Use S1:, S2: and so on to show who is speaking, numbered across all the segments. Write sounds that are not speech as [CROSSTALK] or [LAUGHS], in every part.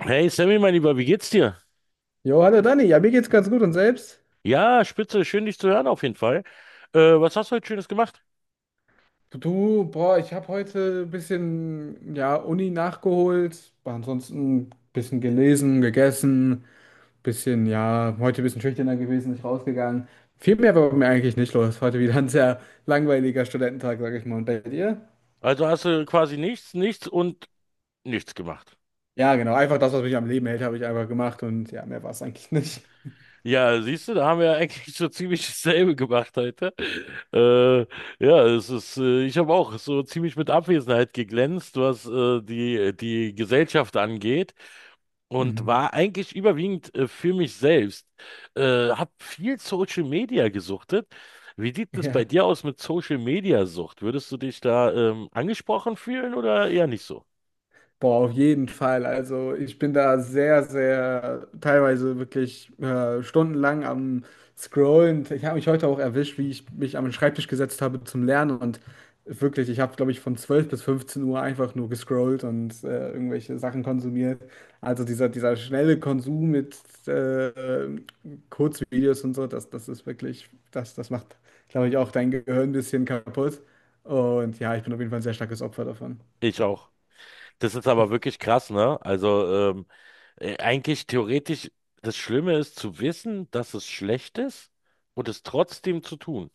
S1: Hey Sammy, mein Lieber, wie geht's dir?
S2: Jo, hallo Dani, ja, mir geht's ganz gut und selbst?
S1: Ja, spitze, schön dich zu hören auf jeden Fall. Was hast du heute Schönes gemacht?
S2: Du, boah, ich habe heute ein bisschen, ja, Uni nachgeholt, aber ansonsten ein bisschen gelesen, gegessen, bisschen, ja, heute ein bisschen schüchterner gewesen, nicht rausgegangen. Viel mehr war bei mir eigentlich nicht los. Heute wieder ein sehr langweiliger Studententag, sag ich mal. Und bei dir?
S1: Also hast du quasi nichts, nichts und nichts gemacht.
S2: Ja, genau, einfach das, was mich am Leben hält, habe ich einfach gemacht und ja, mehr war es eigentlich nicht.
S1: Ja, siehst du, da haben wir ja [LAUGHS] eigentlich so ziemlich dasselbe gemacht heute. Äh, ja, es ist, ich habe auch so ziemlich mit Abwesenheit geglänzt, was die, die Gesellschaft angeht, und
S2: Mhm.
S1: war eigentlich überwiegend für mich selbst. Hab viel Social Media gesuchtet. Wie sieht
S2: [LAUGHS]
S1: es bei
S2: Ja.
S1: dir aus mit Social Media Sucht? Würdest du dich da angesprochen fühlen oder eher nicht so?
S2: Boah, auf jeden Fall. Also ich bin da sehr, sehr teilweise wirklich stundenlang am Scrollen. Ich habe mich heute auch erwischt, wie ich mich am Schreibtisch gesetzt habe zum Lernen. Und wirklich, ich habe, glaube ich, von 12 bis 15 Uhr einfach nur gescrollt und irgendwelche Sachen konsumiert. Also dieser schnelle Konsum mit äh, Kurzvideos und so, das ist wirklich, das macht, glaube ich, auch dein Gehirn ein bisschen kaputt. Und ja, ich bin auf jeden Fall ein sehr starkes Opfer davon.
S1: Ich auch. Das ist aber wirklich krass, ne? Also eigentlich theoretisch, das Schlimme ist zu wissen, dass es schlecht ist und es trotzdem zu tun.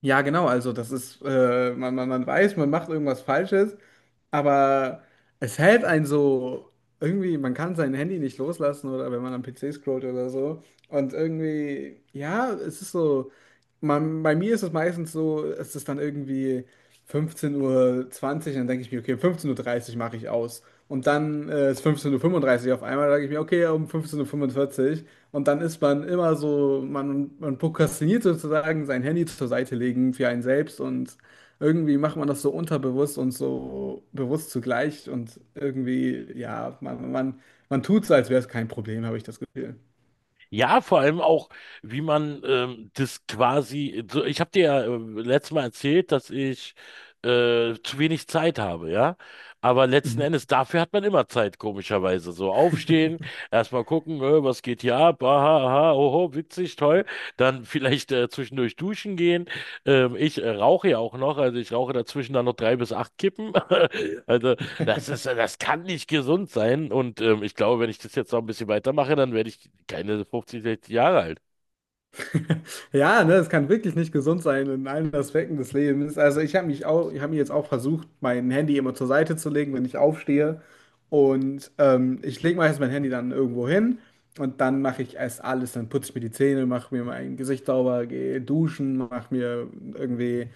S2: Ja, genau, also das ist, man weiß, man macht irgendwas Falsches, aber es hält einen so, irgendwie, man kann sein Handy nicht loslassen oder wenn man am PC scrollt oder so. Und irgendwie, ja, es ist so. Man, bei mir ist es meistens so, es ist dann irgendwie 15:20 Uhr, und dann denke ich mir, okay, 15:30 Uhr 30 mache ich aus. Und dann ist 15:35 Uhr 35 auf einmal, dann denke ich mir, okay, um 15:45 Uhr 45. Und dann ist man immer so, man prokrastiniert sozusagen, sein Handy zur Seite legen für einen selbst und irgendwie macht man das so unterbewusst und so bewusst zugleich und irgendwie, ja, man tut so, als wäre es kein Problem, habe ich das Gefühl.
S1: Ja, vor allem auch, wie man das quasi, so, ich habe dir ja letztes Mal erzählt, dass ich zu wenig Zeit habe, ja. Aber letzten
S2: Mhm.
S1: Endes, dafür hat man immer Zeit, komischerweise. So, aufstehen,
S2: [LAUGHS]
S1: erstmal gucken, was geht hier ab, aha, aha, oho, witzig, toll. Dann vielleicht zwischendurch duschen gehen. Ich rauche ja auch noch, also ich rauche dazwischen dann noch drei bis acht Kippen. [LAUGHS] Also das ist, das kann nicht gesund sein. Und ich glaube, wenn ich das jetzt noch ein bisschen weitermache, dann werde ich keine 50, 60 Jahre alt.
S2: [LAUGHS] Ja, ne, es kann wirklich nicht gesund sein in allen Aspekten des Lebens. Also ich habe mich auch, ich habe mir jetzt auch versucht, mein Handy immer zur Seite zu legen, wenn ich aufstehe. Und ich lege meistens mein Handy dann irgendwo hin und dann mache ich erst alles. Dann putze ich mir die Zähne, mache mir mein Gesicht sauber, gehe duschen, mache mir irgendwie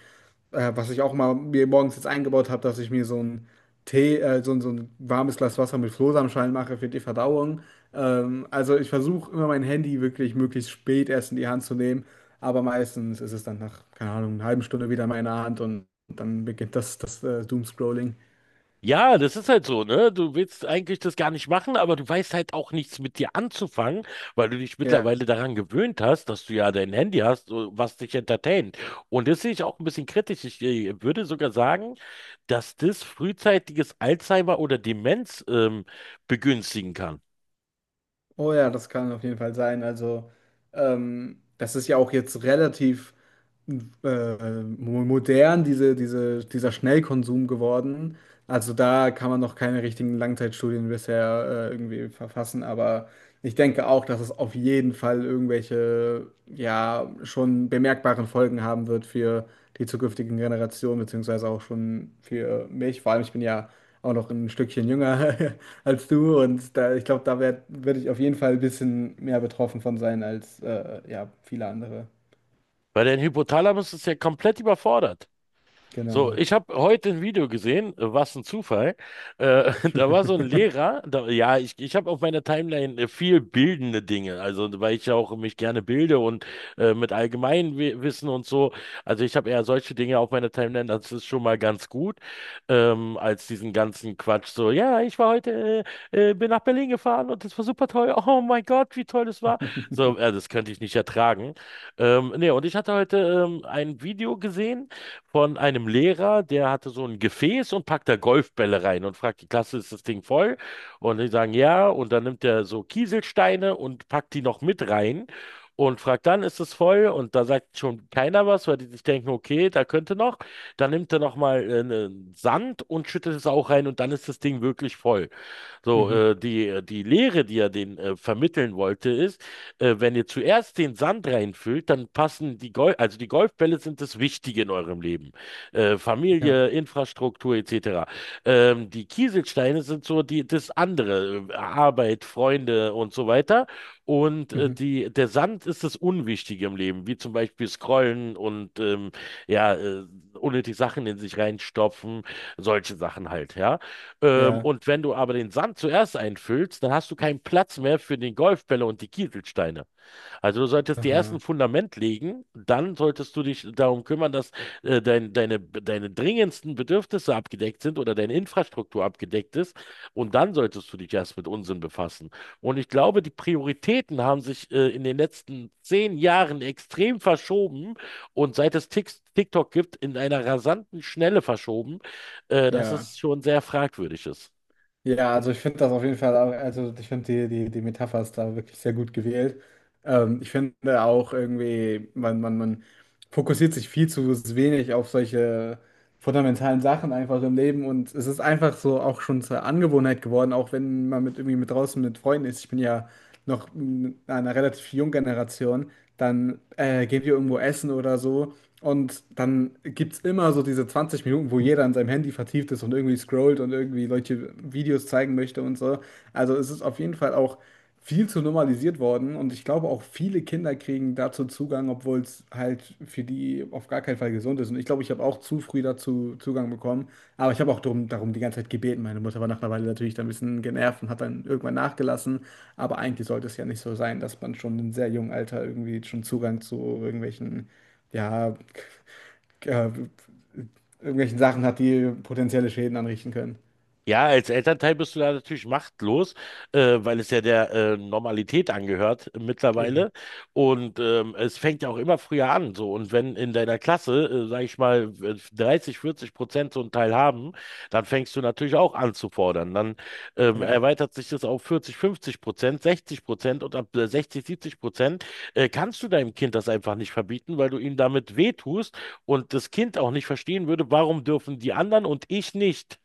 S2: was ich auch mal mir morgens jetzt eingebaut habe, dass ich mir so ein Tee, so, so ein warmes Glas Wasser mit Flohsamenschalen mache für die Verdauung. Also ich versuche immer mein Handy wirklich möglichst spät erst in die Hand zu nehmen, aber meistens ist es dann nach, keine Ahnung, einer halben Stunde wieder in meiner Hand und dann beginnt das Doomscrolling.
S1: Ja, das ist halt so, ne? Du willst eigentlich das gar nicht machen, aber du weißt halt auch nichts mit dir anzufangen, weil du dich
S2: Ja.
S1: mittlerweile daran gewöhnt hast, dass du ja dein Handy hast, so, was dich entertaint. Und das sehe ich auch ein bisschen kritisch. Ich würde sogar sagen, dass das frühzeitiges Alzheimer oder Demenz begünstigen kann.
S2: Oh ja, das kann auf jeden Fall sein. Also das ist ja auch jetzt relativ modern dieser Schnellkonsum geworden. Also da kann man noch keine richtigen Langzeitstudien bisher irgendwie verfassen, aber ich denke auch, dass es auf jeden Fall irgendwelche, ja, schon bemerkbaren Folgen haben wird für die zukünftigen Generationen, beziehungsweise auch schon für mich. Vor allem, ich bin ja auch noch ein Stückchen jünger [LAUGHS] als du und da, ich glaube, da werde werd werd ich auf jeden Fall ein bisschen mehr betroffen von sein als ja, viele andere.
S1: Weil dein Hypothalamus ist ja komplett überfordert. So,
S2: Genau.
S1: ich habe heute ein Video gesehen, was ein Zufall. [LAUGHS] Da war so ein Lehrer, da, ja, ich habe auf meiner Timeline viel bildende Dinge, also weil ich ja auch mich gerne bilde und mit Allgemeinwissen und so. Also ich habe eher solche Dinge auf meiner Timeline, das ist schon mal ganz gut, als diesen ganzen Quatsch. So, ja, ich war heute, bin nach Berlin gefahren und das war super toll. Oh mein Gott, wie toll das war. So, das könnte ich nicht ertragen. Nee, und ich hatte heute ein Video gesehen von einem Lehrer, der hatte so ein Gefäß und packt da Golfbälle rein und fragt die Klasse: Ist das Ding voll? Und die sagen ja. Und dann nimmt er so Kieselsteine und packt die noch mit rein und fragt dann: Ist es voll? Und da sagt schon keiner was, weil die sich denken, okay, da könnte noch. Dann nimmt er nochmal ne Sand und schüttet es auch rein und dann ist das Ding wirklich voll. So,
S2: Mhm.
S1: die Lehre, die er den vermitteln wollte, ist: Wenn ihr zuerst den Sand reinfüllt, dann passen die also die Golfbälle sind das Wichtige in eurem Leben.
S2: Ja.
S1: Familie, Infrastruktur etc. Die Kieselsteine sind so die, das andere, Arbeit, Freunde und so weiter. Und
S2: Mhm.
S1: der Sand ist das Unwichtige im Leben, wie zum Beispiel Scrollen und ja, äh, unnötig Sachen in sich reinstopfen, solche Sachen halt, ja.
S2: Ja.
S1: Und wenn du aber den Sand zuerst einfüllst, dann hast du keinen Platz mehr für den Golfbälle und die Kieselsteine. Also du solltest die ersten
S2: Aha.
S1: Fundament legen, dann solltest du dich darum kümmern, dass deine dringendsten Bedürfnisse abgedeckt sind oder deine Infrastruktur abgedeckt ist. Und dann solltest du dich erst mit Unsinn befassen. Und ich glaube, die Prioritäten haben sich in den letzten 10 Jahren extrem verschoben und seit es TikTok gibt, in einer rasanten Schnelle verschoben, dass
S2: Ja.
S1: es schon sehr fragwürdig ist.
S2: Ja, also ich finde das auf jeden Fall auch, also ich finde die Metapher ist da wirklich sehr gut gewählt. Ich finde auch irgendwie, man fokussiert sich viel zu wenig auf solche fundamentalen Sachen einfach im Leben und es ist einfach so auch schon zur Angewohnheit geworden, auch wenn man mit irgendwie mit draußen mit Freunden ist. Ich bin ja noch in einer relativ jungen Generation, dann gehen wir irgendwo essen oder so. Und dann gibt es immer so diese 20 Minuten, wo jeder an seinem Handy vertieft ist und irgendwie scrollt und irgendwie solche Videos zeigen möchte und so. Also es ist auf jeden Fall auch viel zu normalisiert worden und ich glaube auch viele Kinder kriegen dazu Zugang, obwohl es halt für die auf gar keinen Fall gesund ist. Und ich glaube, ich habe auch zu früh dazu Zugang bekommen, aber ich habe auch darum die ganze Zeit gebeten. Meine Mutter war nach einer Weile natürlich dann ein bisschen genervt und hat dann irgendwann nachgelassen. Aber eigentlich sollte es ja nicht so sein, dass man schon in sehr jungem Alter irgendwie schon Zugang zu irgendwelchen, ja, äh, irgendwelchen Sachen hat, die potenzielle Schäden anrichten können.
S1: Ja, als Elternteil bist du da natürlich machtlos, weil es ja der Normalität angehört
S2: Eben.
S1: mittlerweile. Und es fängt ja auch immer früher an. So. Und wenn in deiner Klasse, sag ich mal, 30, 40% so einen Teil haben, dann fängst du natürlich auch an zu fordern. Dann
S2: Ja.
S1: erweitert sich das auf 40, 50%, 60% und ab 60, 70% kannst du deinem Kind das einfach nicht verbieten, weil du ihm damit wehtust und das Kind auch nicht verstehen würde, warum dürfen die anderen und ich nicht.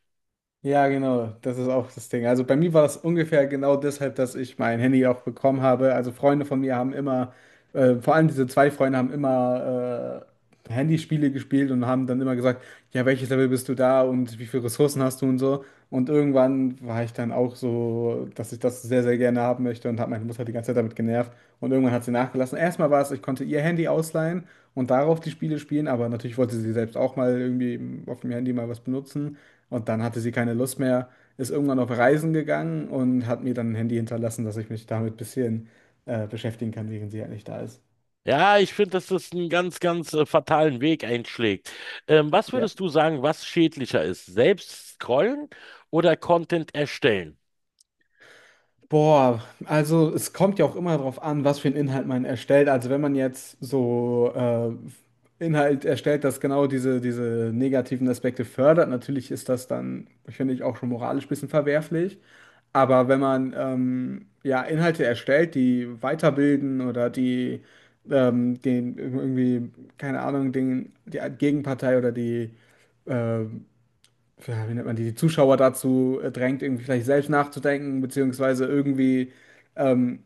S2: Ja, genau, das ist auch das Ding. Also bei mir war das ungefähr genau deshalb, dass ich mein Handy auch bekommen habe. Also Freunde von mir haben immer, vor allem diese zwei Freunde haben immer Handyspiele gespielt und haben dann immer gesagt, ja, welches Level bist du da und wie viele Ressourcen hast du und so. Und irgendwann war ich dann auch so, dass ich das sehr, sehr gerne haben möchte und habe meine Mutter die ganze Zeit damit genervt. Und irgendwann hat sie nachgelassen. Erstmal war es, ich konnte ihr Handy ausleihen und darauf die Spiele spielen, aber natürlich wollte sie selbst auch mal irgendwie auf dem Handy mal was benutzen. Und dann hatte sie keine Lust mehr, ist irgendwann auf Reisen gegangen und hat mir dann ein Handy hinterlassen, dass ich mich damit ein bisschen beschäftigen kann, während sie halt nicht da ist.
S1: Ja, ich finde, dass das einen ganz, ganz fatalen Weg einschlägt. Was
S2: Ja.
S1: würdest du sagen, was schädlicher ist? Selbst scrollen oder Content erstellen?
S2: Boah, also es kommt ja auch immer darauf an, was für einen Inhalt man erstellt. Also wenn man jetzt so Inhalt erstellt, das genau diese negativen Aspekte fördert, natürlich ist das dann, finde ich, auch schon moralisch ein bisschen verwerflich. Aber wenn man ja Inhalte erstellt, die weiterbilden oder die den irgendwie, keine Ahnung, die Gegenpartei oder die äh, ja, wie nennt man die, Zuschauer dazu drängt, irgendwie vielleicht selbst nachzudenken, beziehungsweise irgendwie, ähm,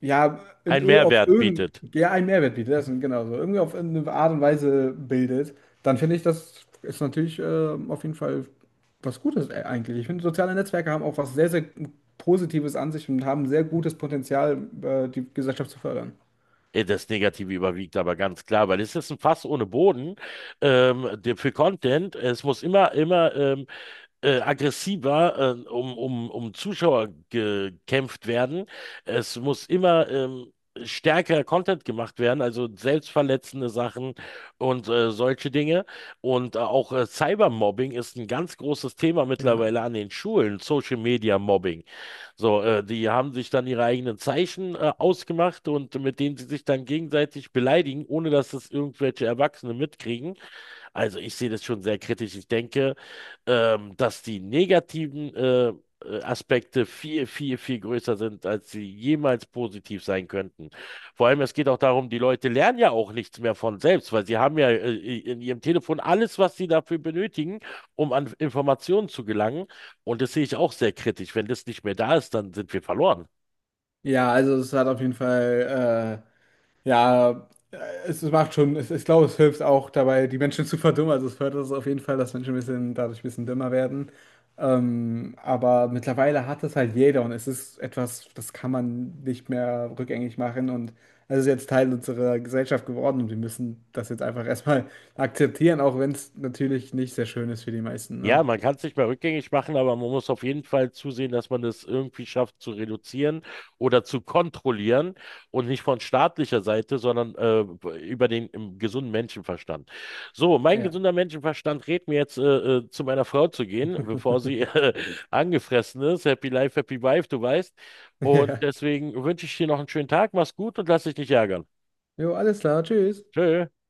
S2: ja,
S1: Ein
S2: auf
S1: Mehrwert
S2: irgendeinen,
S1: bietet.
S2: ja, einen Mehrwert bietet, das ist genau so, irgendwie auf eine Art und Weise bildet, dann finde ich, das ist natürlich auf jeden Fall was Gutes eigentlich. Ich finde, soziale Netzwerke haben auch was sehr, sehr Positives an sich und haben sehr gutes Potenzial, die Gesellschaft zu fördern.
S1: Das Negative überwiegt aber ganz klar, weil es ist ein Fass ohne Boden für Content. Es muss immer, immer aggressiver um Zuschauer gekämpft werden. Es muss immer stärker Content gemacht werden, also selbstverletzende Sachen und solche Dinge. Und auch Cybermobbing ist ein ganz großes Thema
S2: Ja.
S1: mittlerweile an den Schulen, Social Media Mobbing. So, die haben sich dann ihre eigenen Zeichen ausgemacht und mit denen sie sich dann gegenseitig beleidigen, ohne dass es irgendwelche Erwachsene mitkriegen. Also ich sehe das schon sehr kritisch. Ich denke, dass die negativen Aspekte viel, viel, viel größer sind, als sie jemals positiv sein könnten. Vor allem, es geht auch darum, die Leute lernen ja auch nichts mehr von selbst, weil sie haben ja in ihrem Telefon alles, was sie dafür benötigen, um an Informationen zu gelangen. Und das sehe ich auch sehr kritisch. Wenn das nicht mehr da ist, dann sind wir verloren.
S2: Ja, also es hat auf jeden Fall. Ja, es macht schon, es, ich glaube, es hilft auch dabei, die Menschen zu verdummen. Also es fördert es auf jeden Fall, dass Menschen ein bisschen, dadurch ein bisschen dümmer werden. Aber mittlerweile hat es halt jeder und es ist etwas, das kann man nicht mehr rückgängig machen. Und es ist jetzt Teil unserer Gesellschaft geworden und wir müssen das jetzt einfach erstmal [LAUGHS] akzeptieren, auch wenn es natürlich nicht sehr schön ist für die meisten, ne?
S1: Ja, man kann es nicht mehr rückgängig machen, aber man muss auf jeden Fall zusehen, dass man es irgendwie schafft zu reduzieren oder zu kontrollieren und nicht von staatlicher Seite, sondern über den im gesunden Menschenverstand. So, mein
S2: Ja.
S1: gesunder Menschenverstand rät mir jetzt, zu meiner Frau zu gehen, bevor sie [LAUGHS]
S2: [LAUGHS]
S1: angefressen ist. Happy Life, Happy Wife, du weißt. Und
S2: Ja.
S1: deswegen wünsche ich dir noch einen schönen Tag, mach's gut und lass dich nicht ärgern.
S2: Jo, alles klar, tschüss.
S1: Tschö.